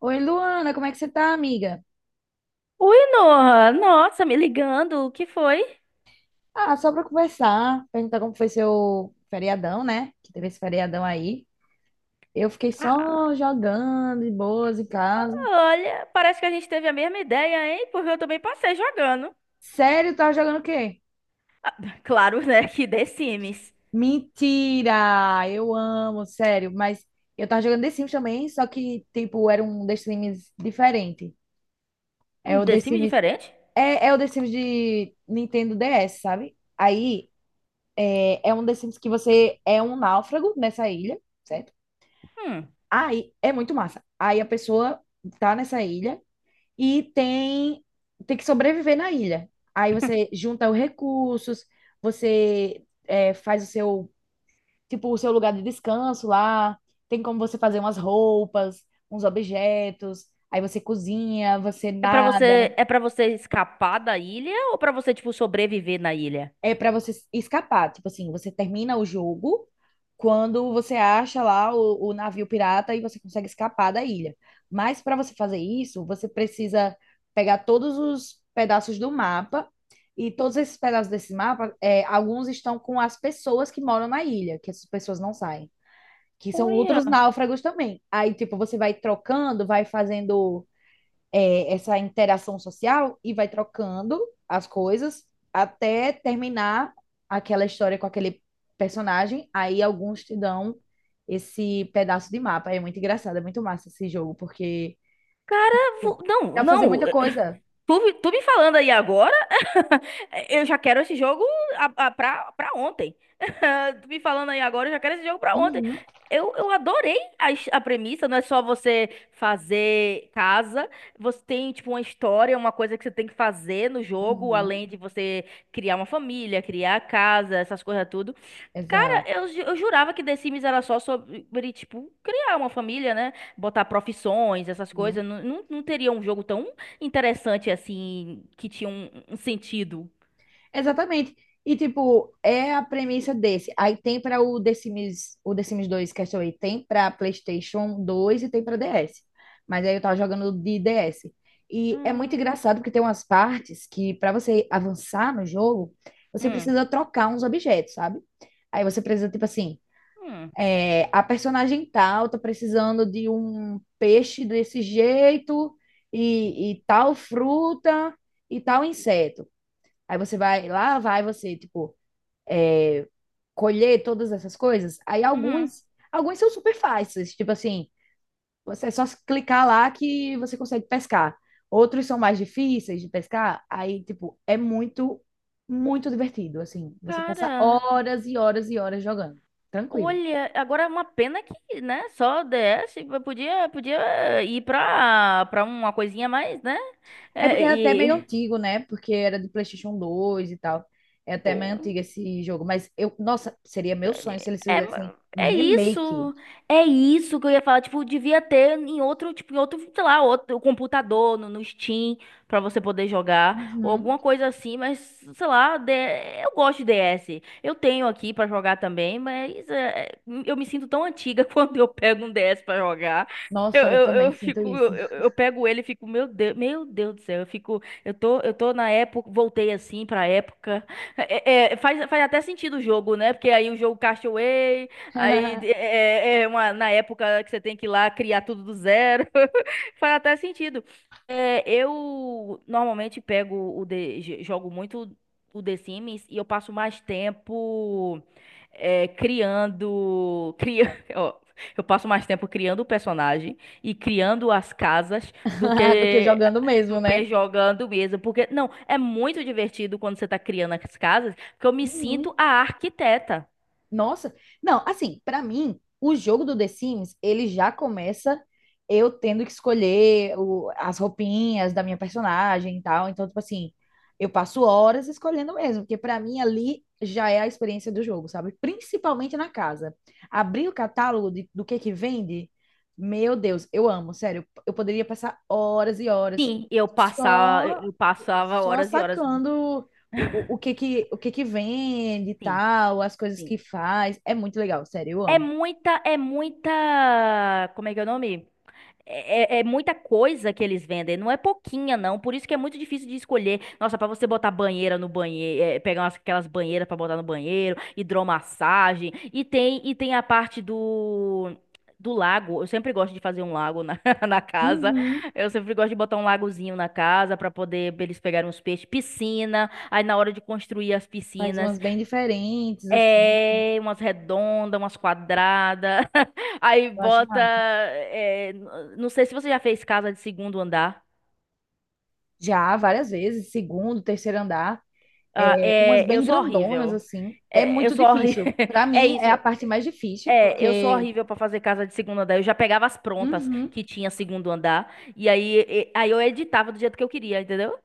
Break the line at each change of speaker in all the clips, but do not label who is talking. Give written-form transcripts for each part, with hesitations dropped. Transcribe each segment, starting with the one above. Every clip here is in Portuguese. Oi, Luana, como é que você tá, amiga?
Ui, Noah, nossa, me ligando, o que foi?
Ah, só pra conversar, perguntar como foi seu feriadão, né? Que teve esse feriadão aí. Eu fiquei
Ah,
só jogando de boas em casa.
olha, parece que a gente teve a mesma ideia, hein? Porque eu também passei jogando.
Sério, tava jogando o quê?
Ah, claro, né, que The Sims.
Mentira! Eu amo, sério, mas eu tava jogando The Sims também, só que, tipo, era um The Sims diferente. É o
The
The
Sims
Sims.
diferente?
É o The Sims de Nintendo DS, sabe? Aí é um The Sims que você é um náufrago nessa ilha. Certo?
Hum.
Aí é muito massa. Aí a pessoa tá nessa ilha e tem que sobreviver na ilha. Aí você junta os recursos, você faz o seu tipo o seu lugar de descanso lá. Tem como você fazer umas roupas, uns objetos. Aí você cozinha, você
É pra
nada.
você, é para você escapar da ilha ou pra você, tipo, sobreviver na ilha?
É para você escapar. Tipo assim, você termina o jogo quando você acha lá o navio pirata e você consegue escapar da ilha. Mas para você fazer isso, você precisa pegar todos os pedaços do mapa. E todos esses pedaços desse mapa, alguns estão com as pessoas que moram na ilha, que essas pessoas não saem, que são outros
Olha,
náufragos também. Aí, tipo, você vai trocando, vai fazendo essa interação social e vai trocando as coisas até terminar aquela história com aquele personagem. Aí alguns te dão esse pedaço de mapa. É muito engraçado, é muito massa esse jogo, porque
cara, vo- não,
dá pra fazer muita
não, eh,
coisa.
tu me falando aí agora? Eu já quero esse jogo pra ontem. Tu me falando aí agora, eu já quero esse jogo pra ontem.
Uhum,
Eu adorei a premissa, não é só você fazer casa, você tem, tipo, uma história, uma coisa que você tem que fazer no jogo,
uhum,
além de você criar uma família, criar a casa, essas coisas tudo. Cara,
exato.
eu jurava que The Sims era só sobre, tipo, criar uma família, né? Botar profissões, essas coisas. Não, teria um jogo tão interessante assim, que tinha um sentido.
Exatamente. E, tipo, é a premissa desse. Aí tem para o The Sims 2 Castaway, tem para PlayStation 2 e tem para DS. Mas aí eu tava jogando de DS. E é muito
Hum,
engraçado porque tem umas partes que, para você avançar no jogo, você
hum,
precisa trocar uns objetos, sabe? Aí você precisa, tipo assim,
hum,
a personagem tal tá precisando de um peixe desse jeito, e tal fruta, e tal inseto. Aí você vai, lá vai você, tipo, colher todas essas coisas. Aí
uhum.
alguns são super fáceis, tipo assim, você é só clicar lá que você consegue pescar. Outros são mais difíceis de pescar, aí, tipo, é muito, muito divertido, assim. Você passa
Cara,
horas e horas e horas jogando, tranquilo.
olha, agora é uma pena que, né, só DS, eu podia, podia ir pra uma coisinha mais, né,
É porque
é,
é até meio
e,
antigo, né? Porque era de PlayStation 2 e tal. É até meio
pô,
antigo esse jogo, mas eu, nossa, seria meu sonho se eles
É, é
fizessem um
é
remake.
isso, é isso que eu ia falar, tipo, devia ter em outro, tipo, em outro, sei lá, outro computador, no Steam, pra você poder jogar, ou
Uhum.
alguma coisa assim, mas, sei lá, eu gosto de DS, eu tenho aqui pra jogar também, mas é, eu me sinto tão antiga quando eu pego um DS pra jogar, eu,
Nossa, eu
eu,
também
eu
sinto
fico,
isso.
eu pego ele e fico, meu Deus do céu, eu fico, eu tô na época, voltei assim pra época. Faz até sentido o jogo, né? Porque aí o jogo Castaway, aí é, é é uma, na época que você tem que ir lá criar tudo do zero. Faz até sentido. É, eu normalmente pego o jogo muito o The Sims e eu passo mais tempo criando, ó, eu passo mais tempo criando o personagem e criando as casas do
Do que
que
jogando
do
mesmo, né?
que jogando mesmo, porque não, é muito divertido quando você tá criando as casas, porque eu me
Uhum.
sinto a arquiteta.
Nossa, não, assim, pra mim, o jogo do The Sims, ele já começa eu tendo que escolher as roupinhas da minha personagem e tal. Então, tipo assim, eu passo horas escolhendo mesmo, porque pra mim ali já é a experiência do jogo, sabe? Principalmente na casa. Abrir o catálogo do que vende, meu Deus, eu amo, sério. Eu poderia passar horas e horas,
Sim, eu passava,
Só
eu passava
só
horas e horas.
sacando o que que vende e
Sim,
tal, as coisas
sim.
que faz. É muito legal, sério, eu
É
amo.
muita, é muita, como é que é o nome? É muita coisa que eles vendem, não é pouquinha, não. Por isso que é muito difícil de escolher. Nossa, pra você botar banheira no banheiro, pegar umas- aquelas banheiras pra botar no banheiro, hidromassagem. E tem a parte do lago. Eu sempre gosto de fazer um lago na, na casa.
Uhum.
Eu sempre gosto de botar um lagozinho na casa pra eles pegarem uns peixes. Piscina. Aí na hora de construir as
Faz
piscinas,
umas bem diferentes, assim.
é, umas redondas, umas quadradas. Aí
Eu acho
bota.
massa.
É, não sei se você já fez casa de segundo andar.
Já, várias vezes, segundo, terceiro andar.
Ah,
É, umas
é,
bem
eu sou
grandonas,
horrível.
assim. É
É, eu
muito
sou horrível.
difícil. Pra
É
mim,
isso.
é a parte mais difícil,
É, eu sou
porque.
horrível pra fazer casa de segundo andar. Eu já pegava as prontas
Uhum.
que tinha segundo andar. Aí eu editava do jeito que eu queria, entendeu?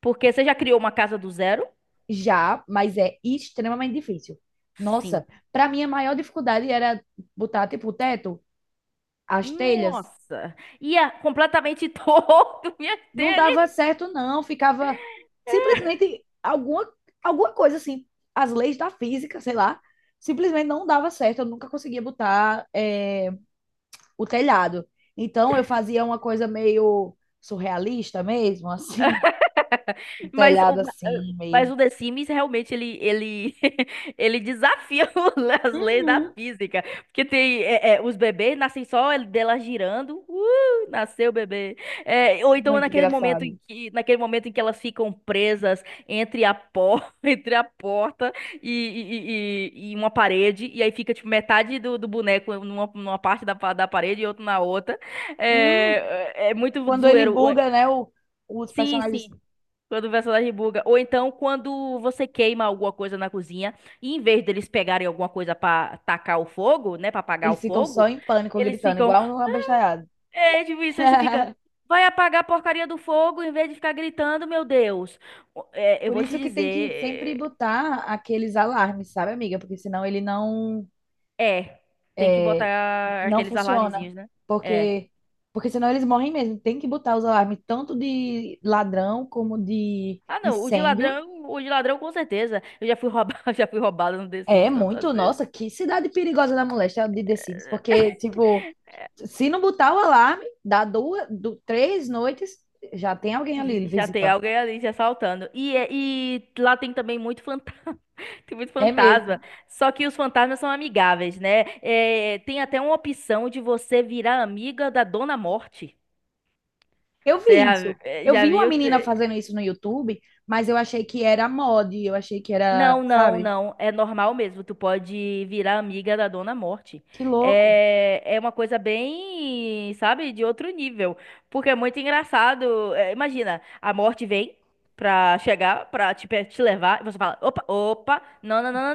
Porque você já criou uma casa do zero?
Já, mas é extremamente difícil.
Sim.
Nossa, pra mim a maior dificuldade era botar, tipo, o teto, as telhas.
Nossa! Ia completamente torto, minha
Não dava
telha.
certo, não. Ficava simplesmente alguma coisa assim. As leis da física, sei lá, simplesmente não dava certo. Eu nunca conseguia botar o telhado. Então eu fazia uma coisa meio surrealista mesmo, assim, um
Mas o,
telhado assim,
mas
meio.
o The Sims realmente ele, ele desafia as leis da
Uhum.
física. Porque tem os bebês nascem só dela girando. Nasceu o bebê. É, ou então
Muito
naquele momento em
engraçado.
que, naquele momento em que elas ficam presas entre entre a porta e, e, e uma parede. E aí fica tipo, metade do boneco numa parte da parede e outro na outra.
Hum,
É, é muito
quando ele
zoeiro.
buga, né? Os
Sim, sim.
personagens
Quando o personagem buga. Ou então, quando você queima alguma coisa na cozinha, e em vez deles pegarem alguma coisa pra tacar o fogo, né? Pra apagar o
eles ficam
fogo,
só em pânico,
eles
gritando,
ficam.
igual um abestalhado.
É, tipo isso, aí você fica. Vai apagar a porcaria do fogo em vez de ficar gritando, meu Deus. É, eu
Por
vou te
isso que tem que sempre
dizer.
botar aqueles alarmes, sabe, amiga? Porque senão ele não
É. Tem que
é,
botar
não
aqueles
funciona.
alarmezinhos, né? É.
Porque porque senão eles morrem mesmo. Tem que botar os alarmes tanto de ladrão como de
Ah, não. O de
incêndio.
ladrão, o de ladrão com certeza. Eu já fui roubado, já fui roubado no The
É
Sims tantas
muito,
vezes.
nossa, que cidade perigosa da moléstia de The Sims, porque tipo, se não botar o alarme, dá duas, três noites, já tem alguém
E
ali
já tem
visitando.
alguém ali te assaltando. E, e lá tem também muito fantasma. Tem muito
É mesmo.
fantasma. Só que os fantasmas são amigáveis, né? É, tem até uma opção de você virar amiga da Dona Morte.
Eu
Você
vi
já,
isso.
eh,
Eu
já
vi uma
viu?
menina fazendo isso no YouTube, mas eu achei que era mod, eu achei que era,
Não, não,
sabe?
não. É normal mesmo. Tu pode virar amiga da Dona Morte.
Que louco.
É, é uma coisa bem, sabe, de outro nível. Porque é muito engraçado. É, imagina, a Morte vem pra chegar, pra te levar, e você fala: opa, opa, não, não, não, não,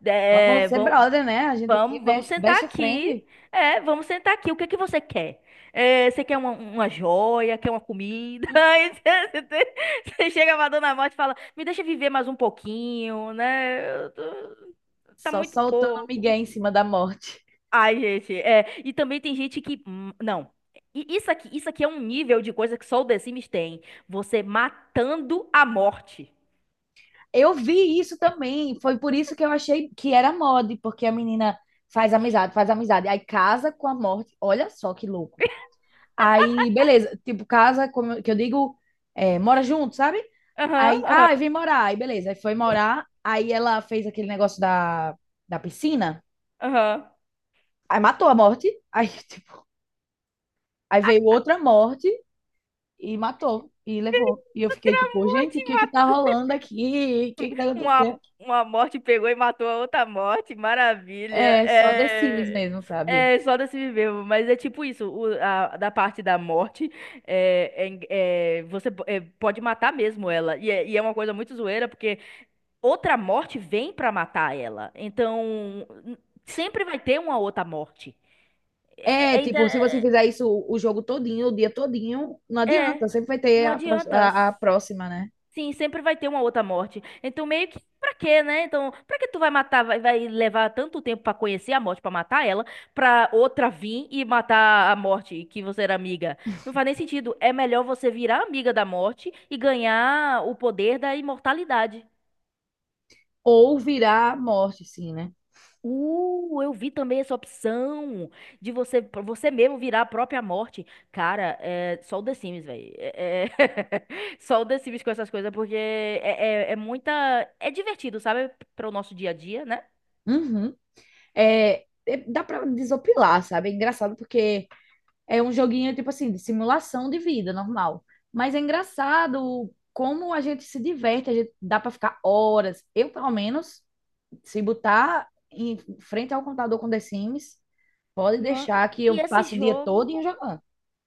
não.
Vamos
É,
ser
vão-
brother, né? A gente aqui,
Vamos, vamos sentar
best friend,
aqui. É, vamos sentar aqui. O que que você quer? É, você quer uma joia? Quer uma comida? Aí você você chega pra Dona Morte e fala: Me deixa viver mais um pouquinho, né? Eu tô- Tá
só
muito
soltando
pouco.
migué em cima da morte.
Ai, gente, é. E também tem gente que. Hum, não. Isso aqui, isso aqui é um nível de coisa que só o The Sims tem. Você matando a morte.
Eu vi isso também, foi por isso que eu achei que era mod, porque a menina faz amizade, aí casa com a morte. Olha só que louco. Aí, beleza, tipo, casa, como que eu digo, é, mora junto, sabe? Aí,
Aham,
ah, vem morar. Aí, beleza. Aí foi morar. Aí ela fez aquele negócio da piscina.
aham, aham.
Aí matou a morte. Aí, tipo, aí veio outra morte e matou. E levou. E eu fiquei tipo, gente, o que que tá rolando aqui? O que que tá
Uma,
acontecendo?
uma morte pegou e matou a outra morte, maravilha.
É, só The Sims
É,
mesmo, sabe?
é só desse viver, mas é tipo isso, da parte da morte, é, você é, pode matar mesmo ela. E é uma coisa muito zoeira, porque outra morte vem pra matar ela. Então, sempre vai ter uma outra morte. É,
É,
é, é, inter-
tipo, se você fizer isso o jogo todinho, o dia todinho, não
é,
adianta.
é,
Sempre vai ter
não
a, pró-
adianta.
a, a próxima, né?
Sim, sempre vai ter uma outra morte. Então, meio que pra quê, né? Então, pra que tu vai matar, vai levar tanto tempo pra conhecer a morte, pra matar ela, pra outra vir e matar a morte que você era amiga? Não faz nem sentido. É melhor você virar amiga da morte e ganhar o poder da imortalidade.
Ou virar morte, sim, né?
Eu vi também essa opção de você pra você mesmo virar a própria morte. Cara, é só o The Sims, velho. É, só o The Sims com essas coisas, porque é muita. É divertido, sabe? Para o nosso dia a dia, né?
Uhum. É, dá pra desopilar, sabe? É engraçado porque é um joguinho, tipo assim, de simulação de vida normal. Mas é engraçado como a gente se diverte, a gente dá para ficar horas. Eu, pelo menos, se botar em frente ao computador com The Sims, pode
No-
deixar que eu
E esse
passo o dia todo
jogo.
jogando.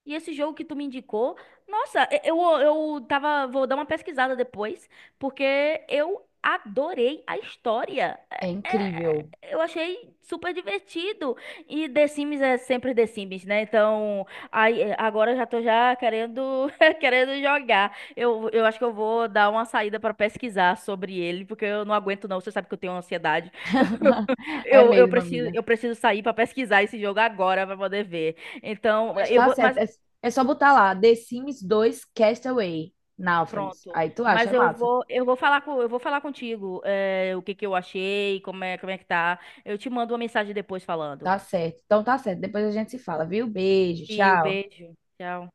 E esse jogo que tu me indicou, nossa, eu tava, vou dar uma pesquisada depois, porque eu adorei a história.
É
É- é-
incrível.
eu achei super divertido. E The Sims é sempre The Sims, né? Então, aí, é, agora eu já tô já querendo, querendo jogar. Eu acho que eu vou dar uma saída pra pesquisar sobre ele, porque eu não aguento não, você sabe que eu tenho ansiedade.
É
Eu
mesmo,
preciso,
amiga.
eu preciso sair pra pesquisar esse jogo agora pra poder ver. Então,
Pois
eu
tá
vou,
certo.
mas
É, é só botar lá, The Sims dois Castaway, Náufragos.
pronto.
Aí tu acha,
Mas
é
eu
massa.
vou, eu vou falar contigo, eh, o que que eu achei, como é que tá. Eu te mando uma mensagem depois falando.
Tá certo. Então tá certo. Depois a gente se fala, viu? Beijo,
E o
tchau.
beijo. Tchau.